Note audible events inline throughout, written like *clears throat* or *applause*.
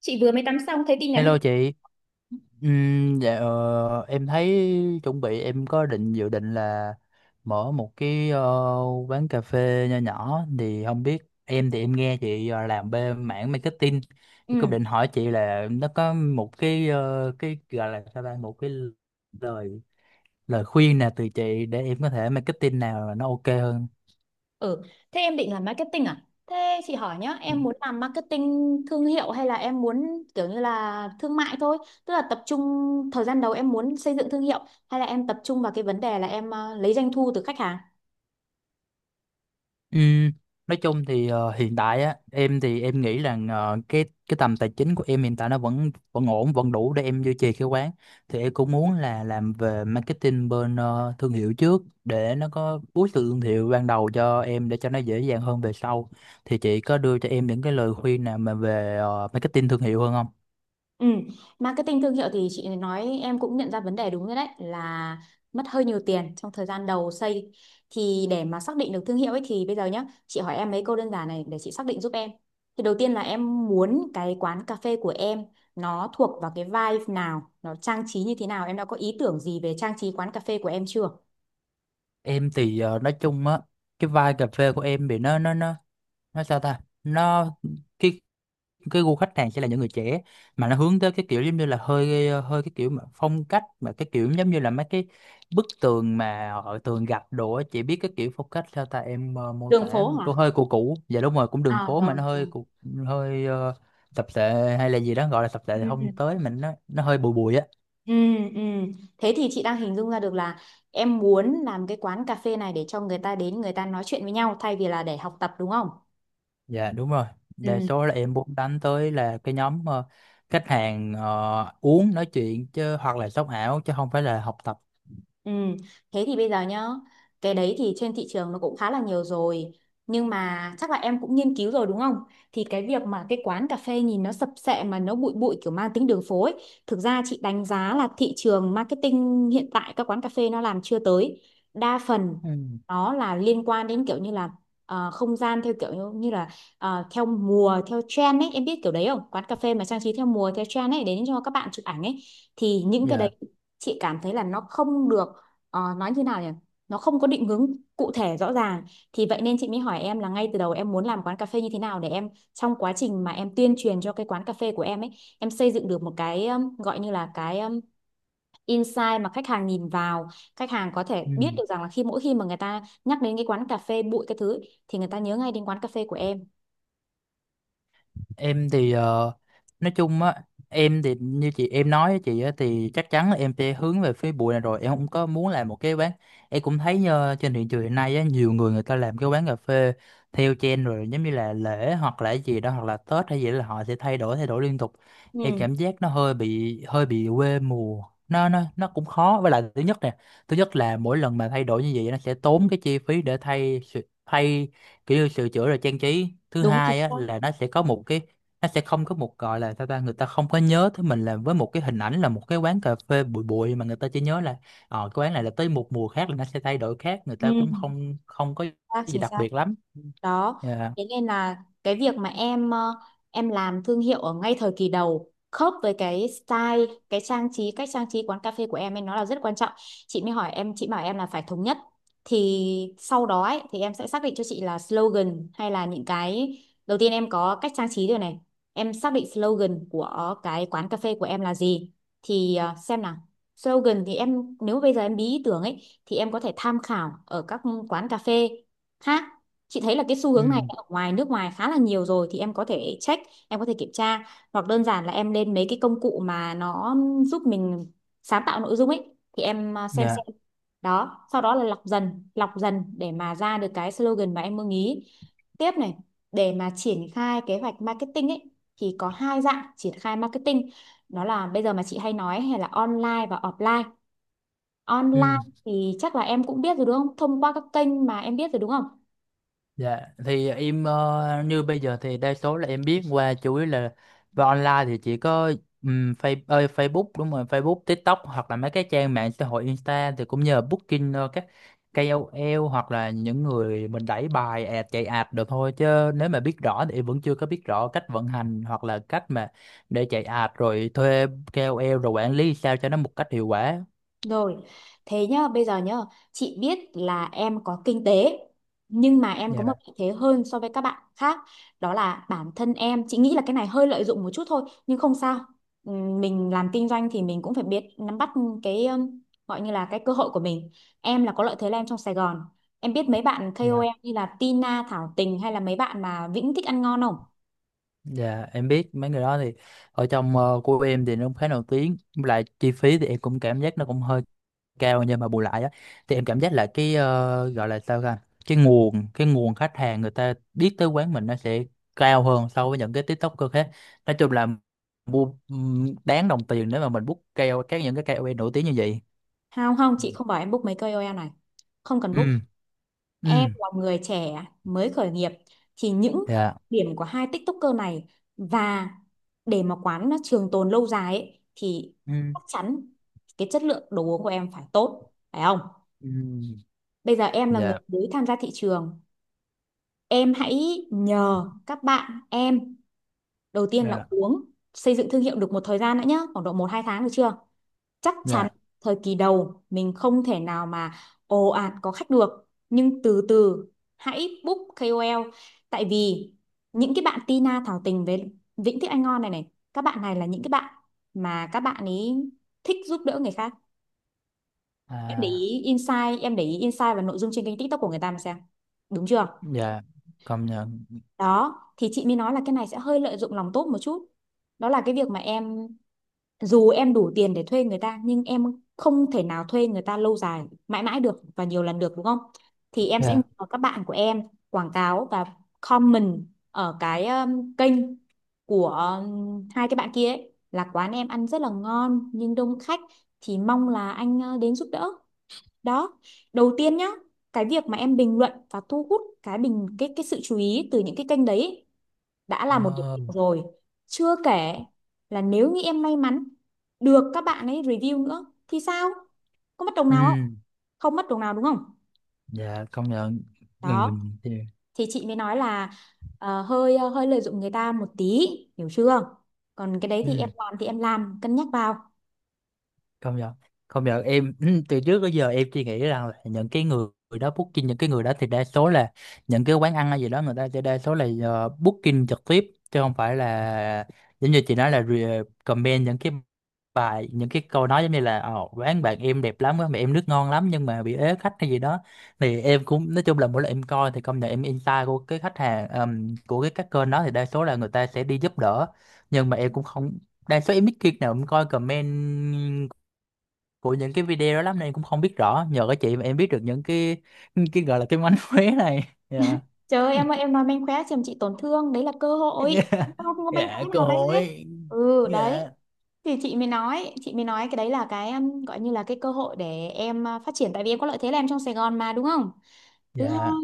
Chị vừa mới tắm xong thấy tin nhắn. Hello chị. Dạ, em thấy chuẩn bị em có định dự định là mở một cái quán cà phê nho nhỏ. Thì không biết, em thì em nghe chị làm bên mảng marketing, thì cũng Ừ. định hỏi chị là nó có một cái, cái gọi là sao ta, một cái lời lời khuyên nào từ chị để em có thể marketing nào là nó ok hơn. Ừ, thế em định làm marketing à? Thế chị hỏi nhá, em muốn làm marketing thương hiệu hay là em muốn kiểu như là thương mại thôi, tức là tập trung thời gian đầu em muốn xây dựng thương hiệu, hay là em tập trung vào cái vấn đề là em lấy doanh thu từ khách hàng? Ừm, nói chung thì hiện tại á em thì em nghĩ là cái tầm tài chính của em hiện tại nó vẫn vẫn ổn, vẫn đủ để em duy trì cái quán. Thì em cũng muốn là làm về marketing bên thương hiệu trước, để nó có boost từ thương hiệu ban đầu cho em, để cho nó dễ dàng hơn về sau. Thì chị có đưa cho em những cái lời khuyên nào mà về marketing thương hiệu hơn không? Ừ. Marketing thương hiệu thì chị nói em cũng nhận ra vấn đề đúng rồi, đấy là mất hơi nhiều tiền trong thời gian đầu xây. Thì để mà xác định được thương hiệu ấy thì bây giờ nhá, chị hỏi em mấy câu đơn giản này để chị xác định giúp em. Thì đầu tiên là em muốn cái quán cà phê của em nó thuộc vào cái vibe nào, nó trang trí như thế nào, em đã có ý tưởng gì về trang trí quán cà phê của em chưa? Em thì nói chung á, cái vibe cà phê của em thì nó sao ta, nó cái cái gu khách hàng sẽ là những người trẻ, mà nó hướng tới cái kiểu giống như là hơi hơi, cái kiểu mà phong cách, mà cái kiểu giống như là mấy cái bức tường mà họ thường gặp đồ á. Chị biết cái kiểu phong cách sao ta em mô tả Đường phố không? Cô hả? hơi cũ cũ, dạ đúng rồi, cũng đường À phố mà rồi nó rồi. Hơi tập thể, hay là gì đó, gọi là tập thể thì Ừ. không tới, mình nó hơi bụi bụi á. Ừ, ừ. Thế thì chị đang hình dung ra được là em muốn làm cái quán cà phê này để cho người ta đến người ta nói chuyện với nhau thay vì là để học tập đúng không? Dạ đúng rồi, đa Ừ. số là em muốn đánh tới là cái nhóm khách hàng uống nói chuyện chứ, hoặc là sống ảo chứ không phải là học tập. Ừ, thế thì bây giờ nhá, cái đấy thì trên thị trường nó cũng khá là nhiều rồi. Nhưng mà chắc là em cũng nghiên cứu rồi đúng không? Thì cái việc mà cái quán cà phê nhìn nó sập sệ mà nó bụi bụi kiểu mang tính đường phố ấy, thực ra chị đánh giá là thị trường marketing hiện tại các quán cà phê nó làm chưa tới. Đa phần Ừ. nó là liên quan đến kiểu như là không gian theo kiểu như như là theo mùa, theo trend ấy, em biết kiểu đấy không? Quán cà phê mà trang trí theo mùa, theo trend ấy đến cho các bạn chụp ảnh ấy, thì những cái Dạ. đấy chị cảm thấy là nó không được, nói như nào nhỉ, nó không có định hướng cụ thể rõ ràng. Thì vậy nên chị mới hỏi em là ngay từ đầu em muốn làm quán cà phê như thế nào, để em trong quá trình mà em tuyên truyền cho cái quán cà phê của em ấy, em xây dựng được một cái, gọi như là cái insight, mà khách hàng nhìn vào khách hàng có Ừ. thể biết được rằng là khi mỗi khi mà người ta nhắc đến cái quán cà phê bụi cái thứ ấy, thì người ta nhớ ngay đến quán cà phê của em. Em thì nói chung á, em thì như chị em nói với chị á, thì chắc chắn là em sẽ hướng về phía bụi này rồi, em không có muốn làm một cái quán. Em cũng thấy trên thị trường hiện nay á, nhiều người người ta làm cái quán cà phê theo trend rồi, giống như là lễ hoặc là gì đó, hoặc là Tết hay gì đó, là họ sẽ thay đổi liên tục. Em Ừ. cảm giác nó hơi bị quê mùa, nó cũng khó. Với lại thứ nhất nè, thứ nhất là mỗi lần mà thay đổi như vậy nó sẽ tốn cái chi phí để thay, kiểu như sửa chữa rồi trang trí. Thứ Đúng chính hai á xác. là nó sẽ có một cái, nó sẽ không có một, gọi là sao ta, người ta không có nhớ tới mình là với một cái hình ảnh là một cái quán cà phê bụi bụi, mà người ta chỉ nhớ là cái quán này là tới một mùa khác là nó sẽ thay đổi khác, người Ừ. ta cũng Chính không không có xác, gì chính đặc xác. biệt lắm. Đó, Dạ. thế nên là cái việc mà em em làm thương hiệu ở ngay thời kỳ đầu khớp với cái style, cái trang trí, cách trang trí quán cà phê của em ấy, nó là rất quan trọng. Chị mới hỏi em, chị bảo em là phải thống nhất. Thì sau đó ấy, thì em sẽ xác định cho chị là slogan hay là những cái, đầu tiên em có cách trang trí rồi này. Em xác định slogan của cái quán cà phê của em là gì, thì xem nào. Slogan thì em nếu bây giờ em bí ý tưởng ấy, thì em có thể tham khảo ở các quán cà phê khác. Chị thấy là cái xu Ừ. hướng này ở ngoài nước ngoài khá là nhiều rồi, thì em có thể check, em có thể kiểm tra, hoặc đơn giản là em lên mấy cái công cụ mà nó giúp mình sáng tạo nội dung ấy, thì em xem Dạ. xem. Đó, sau đó là lọc dần để mà ra được cái slogan mà em mong ý. Tiếp này, để mà triển khai kế hoạch marketing ấy, thì có hai dạng triển khai marketing, đó là bây giờ mà chị hay nói hay là online và offline. Online Ừ. thì chắc là em cũng biết rồi đúng không, thông qua các kênh mà em biết rồi đúng không? Dạ, thì em như bây giờ thì đa số là em biết qua chủ yếu là về online thì chỉ có Facebook, đúng rồi, Facebook, TikTok hoặc là mấy cái trang mạng xã hội Insta. Thì cũng nhờ booking các KOL hoặc là những người mình đẩy bài ad, chạy ad được thôi. Chứ nếu mà biết rõ thì em vẫn chưa có biết rõ cách vận hành, hoặc là cách mà để chạy ad rồi thuê KOL rồi quản lý sao cho nó một cách hiệu quả. Rồi, thế nhá, bây giờ nhá, chị biết là em có kinh tế, nhưng mà em có một Dạ. lợi thế hơn so với các bạn khác, đó là bản thân em, chị nghĩ là cái này hơi lợi dụng một chút thôi, nhưng không sao. Mình làm kinh doanh thì mình cũng phải biết nắm bắt cái, gọi như là cái cơ hội của mình. Em là có lợi thế là em trong Sài Gòn. Em biết mấy bạn Dạ. KOL như là Tina, Thảo Tình hay là mấy bạn mà Vĩnh Thích Ăn Ngon không? Dạ em biết mấy người đó thì ở trong của em thì nó cũng khá nổi tiếng. Với lại chi phí thì em cũng cảm giác nó cũng hơi cao, nhưng mà bù lại á thì em cảm giác là cái gọi là sao ta, cái nguồn khách hàng người ta biết tới quán mình nó sẽ cao hơn so với những cái TikToker khác. Nói chung là mua, đáng đồng tiền nếu mà mình book keo các những cái KOL nổi tiếng như vậy. Không không, chị không bảo em book mấy KOL này. Không cần book. Ừ. Ừ. Em là người trẻ mới khởi nghiệp thì những Dạ. điểm của hai TikToker này, và để mà quán nó trường tồn lâu dài ấy, thì Ừ. chắc chắn cái chất lượng đồ uống của em phải tốt phải không? Ừ. Bây giờ em là người Dạ. mới tham gia thị trường, em hãy nhờ các bạn em đầu tiên là Dạ. uống, xây dựng thương hiệu được một thời gian đã nhá, khoảng độ một 2 tháng được chưa? Chắc chắn Dạ. thời kỳ đầu mình không thể nào mà ồ ạt có khách được, nhưng từ từ hãy book KOL, tại vì những cái bạn Tina Thảo Tình với Vĩnh Thích Anh Ngon này này, các bạn này là những cái bạn mà các bạn ấy thích giúp đỡ người khác. Em để À. ý insight, em để ý insight và nội dung trên kênh TikTok của người ta mà xem, đúng chưa? Dạ công nhận. Đó, thì chị mới nói là cái này sẽ hơi lợi dụng lòng tốt một chút, đó là cái việc mà em dù em đủ tiền để thuê người ta, nhưng em không thể nào thuê người ta lâu dài mãi mãi được và nhiều lần được đúng không? Thì em sẽ Dạ. nhờ các bạn của em quảng cáo và comment ở cái, kênh của hai cái bạn kia ấy, là quán em ăn rất là ngon nhưng đông khách, thì mong là anh đến giúp đỡ. Đó, đầu tiên nhá, cái việc mà em bình luận và thu hút cái bình cái sự chú ý từ những cái kênh đấy đã là một điểm Ờ. cộng rồi. Chưa kể là nếu như em may mắn được các bạn ấy review nữa thì sao, có mất đồng Ừ. nào không? Không mất đồng nào đúng không? Dạ công nhận. Ừ Đó, thì. thì chị mới nói là hơi hơi lợi dụng người ta một tí, hiểu chưa? Còn cái đấy Ừ. Thì em làm cân nhắc vào. Công nhận, công nhận em *clears throat* từ trước tới giờ em chỉ nghĩ rằng là những cái người đó booking, những cái người đó thì đa số là những cái quán ăn hay gì đó, người ta sẽ đa số là booking trực tiếp chứ không phải là giống như chị nói là comment những cái bài những cái câu nói giống như là: "Ồ, quán bạn em đẹp lắm, quán bạn em nước ngon lắm nhưng mà bị ế khách" hay gì đó. Thì em cũng nói chung là mỗi lần em coi thì công nhận em insight của cái khách hàng, của cái các kênh đó thì đa số là người ta sẽ đi giúp đỡ. Nhưng mà em cũng không, đa số em ít khi nào em coi comment của những cái video đó lắm, nên cũng không biết rõ. Nhờ các chị mà em biết được những cái gọi là cái mánh khóe này. Dạ. Trời ơi, em nói manh khóe chồng chị tổn thương, đấy là cơ *laughs* hội. Dạ. Không không có manh Dạ khóe cơ nào đấy hết. hội. Ừ, đấy. Dạ. Thì chị mới nói cái đấy là cái, gọi như là cái cơ hội để em phát triển, tại vì em có lợi thế là em trong Sài Gòn mà đúng không? Thứ hai Dạ.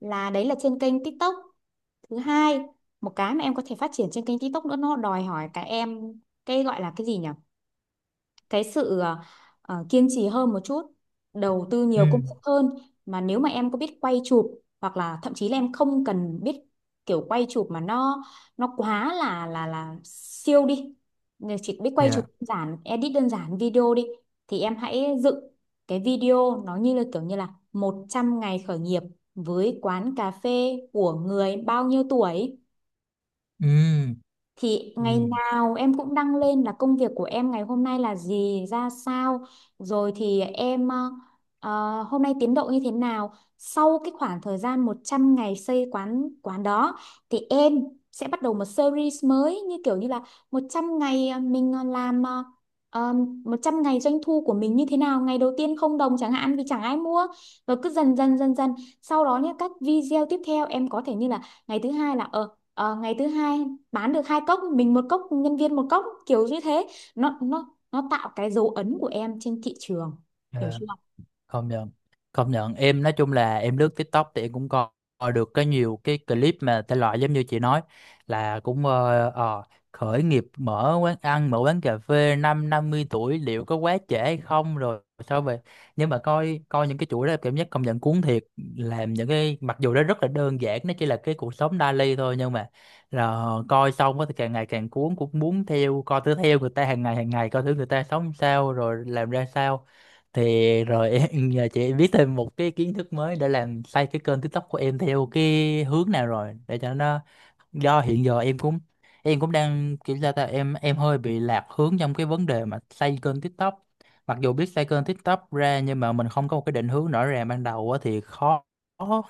là đấy là trên kênh TikTok. Thứ hai, một cái mà em có thể phát triển trên kênh TikTok nữa, nó đòi hỏi cả em cái gọi là cái gì nhỉ, cái sự kiên trì hơn một chút, đầu tư Ừ. nhiều công sức hơn. Mà nếu mà em có biết quay chụp hoặc là thậm chí là em không cần biết kiểu quay chụp mà nó quá là là siêu đi. Nếu chỉ biết quay chụp Dạ. đơn giản, edit đơn giản video đi, thì em hãy dựng cái video nó như là kiểu như là 100 ngày khởi nghiệp với quán cà phê của người bao nhiêu tuổi. Ừ. Thì ngày Ừ. nào em cũng đăng lên là công việc của em ngày hôm nay là gì ra sao, rồi thì em hôm nay tiến độ như thế nào. Sau cái khoảng thời gian 100 ngày xây quán quán đó, thì em sẽ bắt đầu một series mới như kiểu như là 100 ngày mình làm ờ, 100 ngày doanh thu của mình như thế nào, ngày đầu tiên không đồng chẳng hạn vì chẳng ai mua, rồi cứ dần dần sau đó nhé. Các video tiếp theo em có thể như là ngày thứ hai là ngày thứ hai bán được hai cốc, mình một cốc nhân viên một cốc kiểu như thế. Nó nó tạo cái dấu ấn của em trên thị trường, hiểu Dạ. chưa? Công nhận, công nhận em nói chung là em lướt TikTok thì em cũng coi coi được cái nhiều cái clip mà thể loại giống như chị nói là cũng khởi nghiệp, mở quán ăn, mở quán cà phê năm 50 tuổi liệu có quá trễ hay không, rồi sao về. Nhưng mà coi coi những cái chuỗi đó cảm giác công nhận cuốn thiệt, làm những cái mặc dù nó rất là đơn giản, nó chỉ là cái cuộc sống daily thôi. Nhưng mà là coi xong á thì càng ngày càng cuốn, cũng muốn theo coi thử, theo người ta hàng ngày coi thử người ta sống sao rồi làm ra sao. Thì rồi *laughs* em giờ chị biết thêm một cái kiến thức mới để làm xây cái kênh TikTok của em theo cái hướng nào rồi, để cho nó, do hiện giờ em cũng, đang kiểu sao ta, em hơi bị lạc hướng trong cái vấn đề mà xây kênh TikTok. Mặc dù biết xây kênh TikTok ra nhưng mà mình không có một cái định hướng rõ ràng ban đầu á thì khó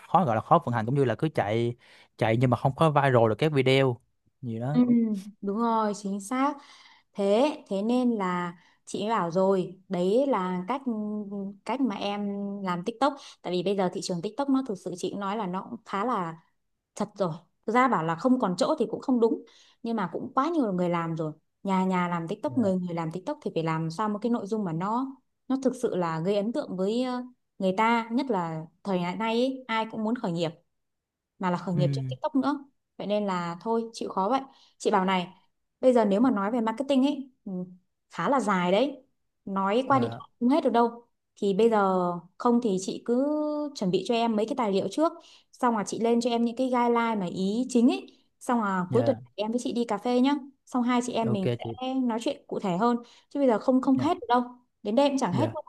khó gọi là khó vận hành, cũng như là cứ chạy chạy nhưng mà không có viral được các video gì Ừ, đó. đúng rồi chính xác. Thế thế nên là chị mới bảo rồi đấy, là cách cách mà em làm TikTok, tại vì bây giờ thị trường TikTok nó thực sự chị cũng nói là nó cũng khá là chật rồi. Thực ra bảo là không còn chỗ thì cũng không đúng, nhưng mà cũng quá nhiều người làm rồi, nhà nhà làm TikTok, Dạ. người người làm TikTok, thì phải làm sao một cái nội dung mà nó thực sự là gây ấn tượng với người ta, nhất là thời đại nay ấy, ai cũng muốn khởi nghiệp mà là khởi Ừ. nghiệp trên TikTok nữa. Vậy nên là thôi chịu khó vậy. Chị bảo này, bây giờ nếu mà nói về marketing ấy, ừ, khá là dài đấy, nói qua điện Dạ. thoại không hết được đâu. Thì bây giờ không thì chị cứ chuẩn bị cho em mấy cái tài liệu trước, xong là chị lên cho em những cái guideline mà ý chính ấy, xong là cuối tuần Dạ em với chị đi cà phê nhá, xong hai chị em ok mình chị. sẽ nói chuyện cụ thể hơn, chứ bây giờ không không Dạ. hết được đâu, đến đây cũng chẳng hết Dạ. đâu.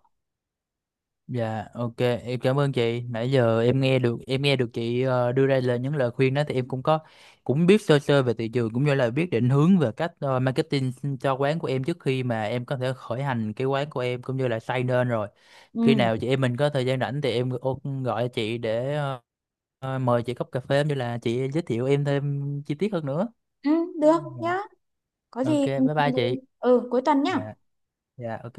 Dạ ok, em cảm ơn chị. Nãy giờ em nghe được, chị đưa ra những lời khuyên đó, thì em cũng có, cũng biết sơ sơ về thị trường, cũng như là biết định hướng về cách marketing cho quán của em trước khi mà em có thể khởi hành cái quán của em, cũng như là xây nên rồi. Khi Ừ, nào chị em mình có thời gian rảnh thì em gọi chị để mời chị cốc cà phê, cũng như là chị giới thiệu em thêm chi tiết hơn nữa. ừ, được Dạ. nhá. Có Ok gì bye ừ. bye chị. Ừ, cuối tuần nhá. Dạ. Dạ ok.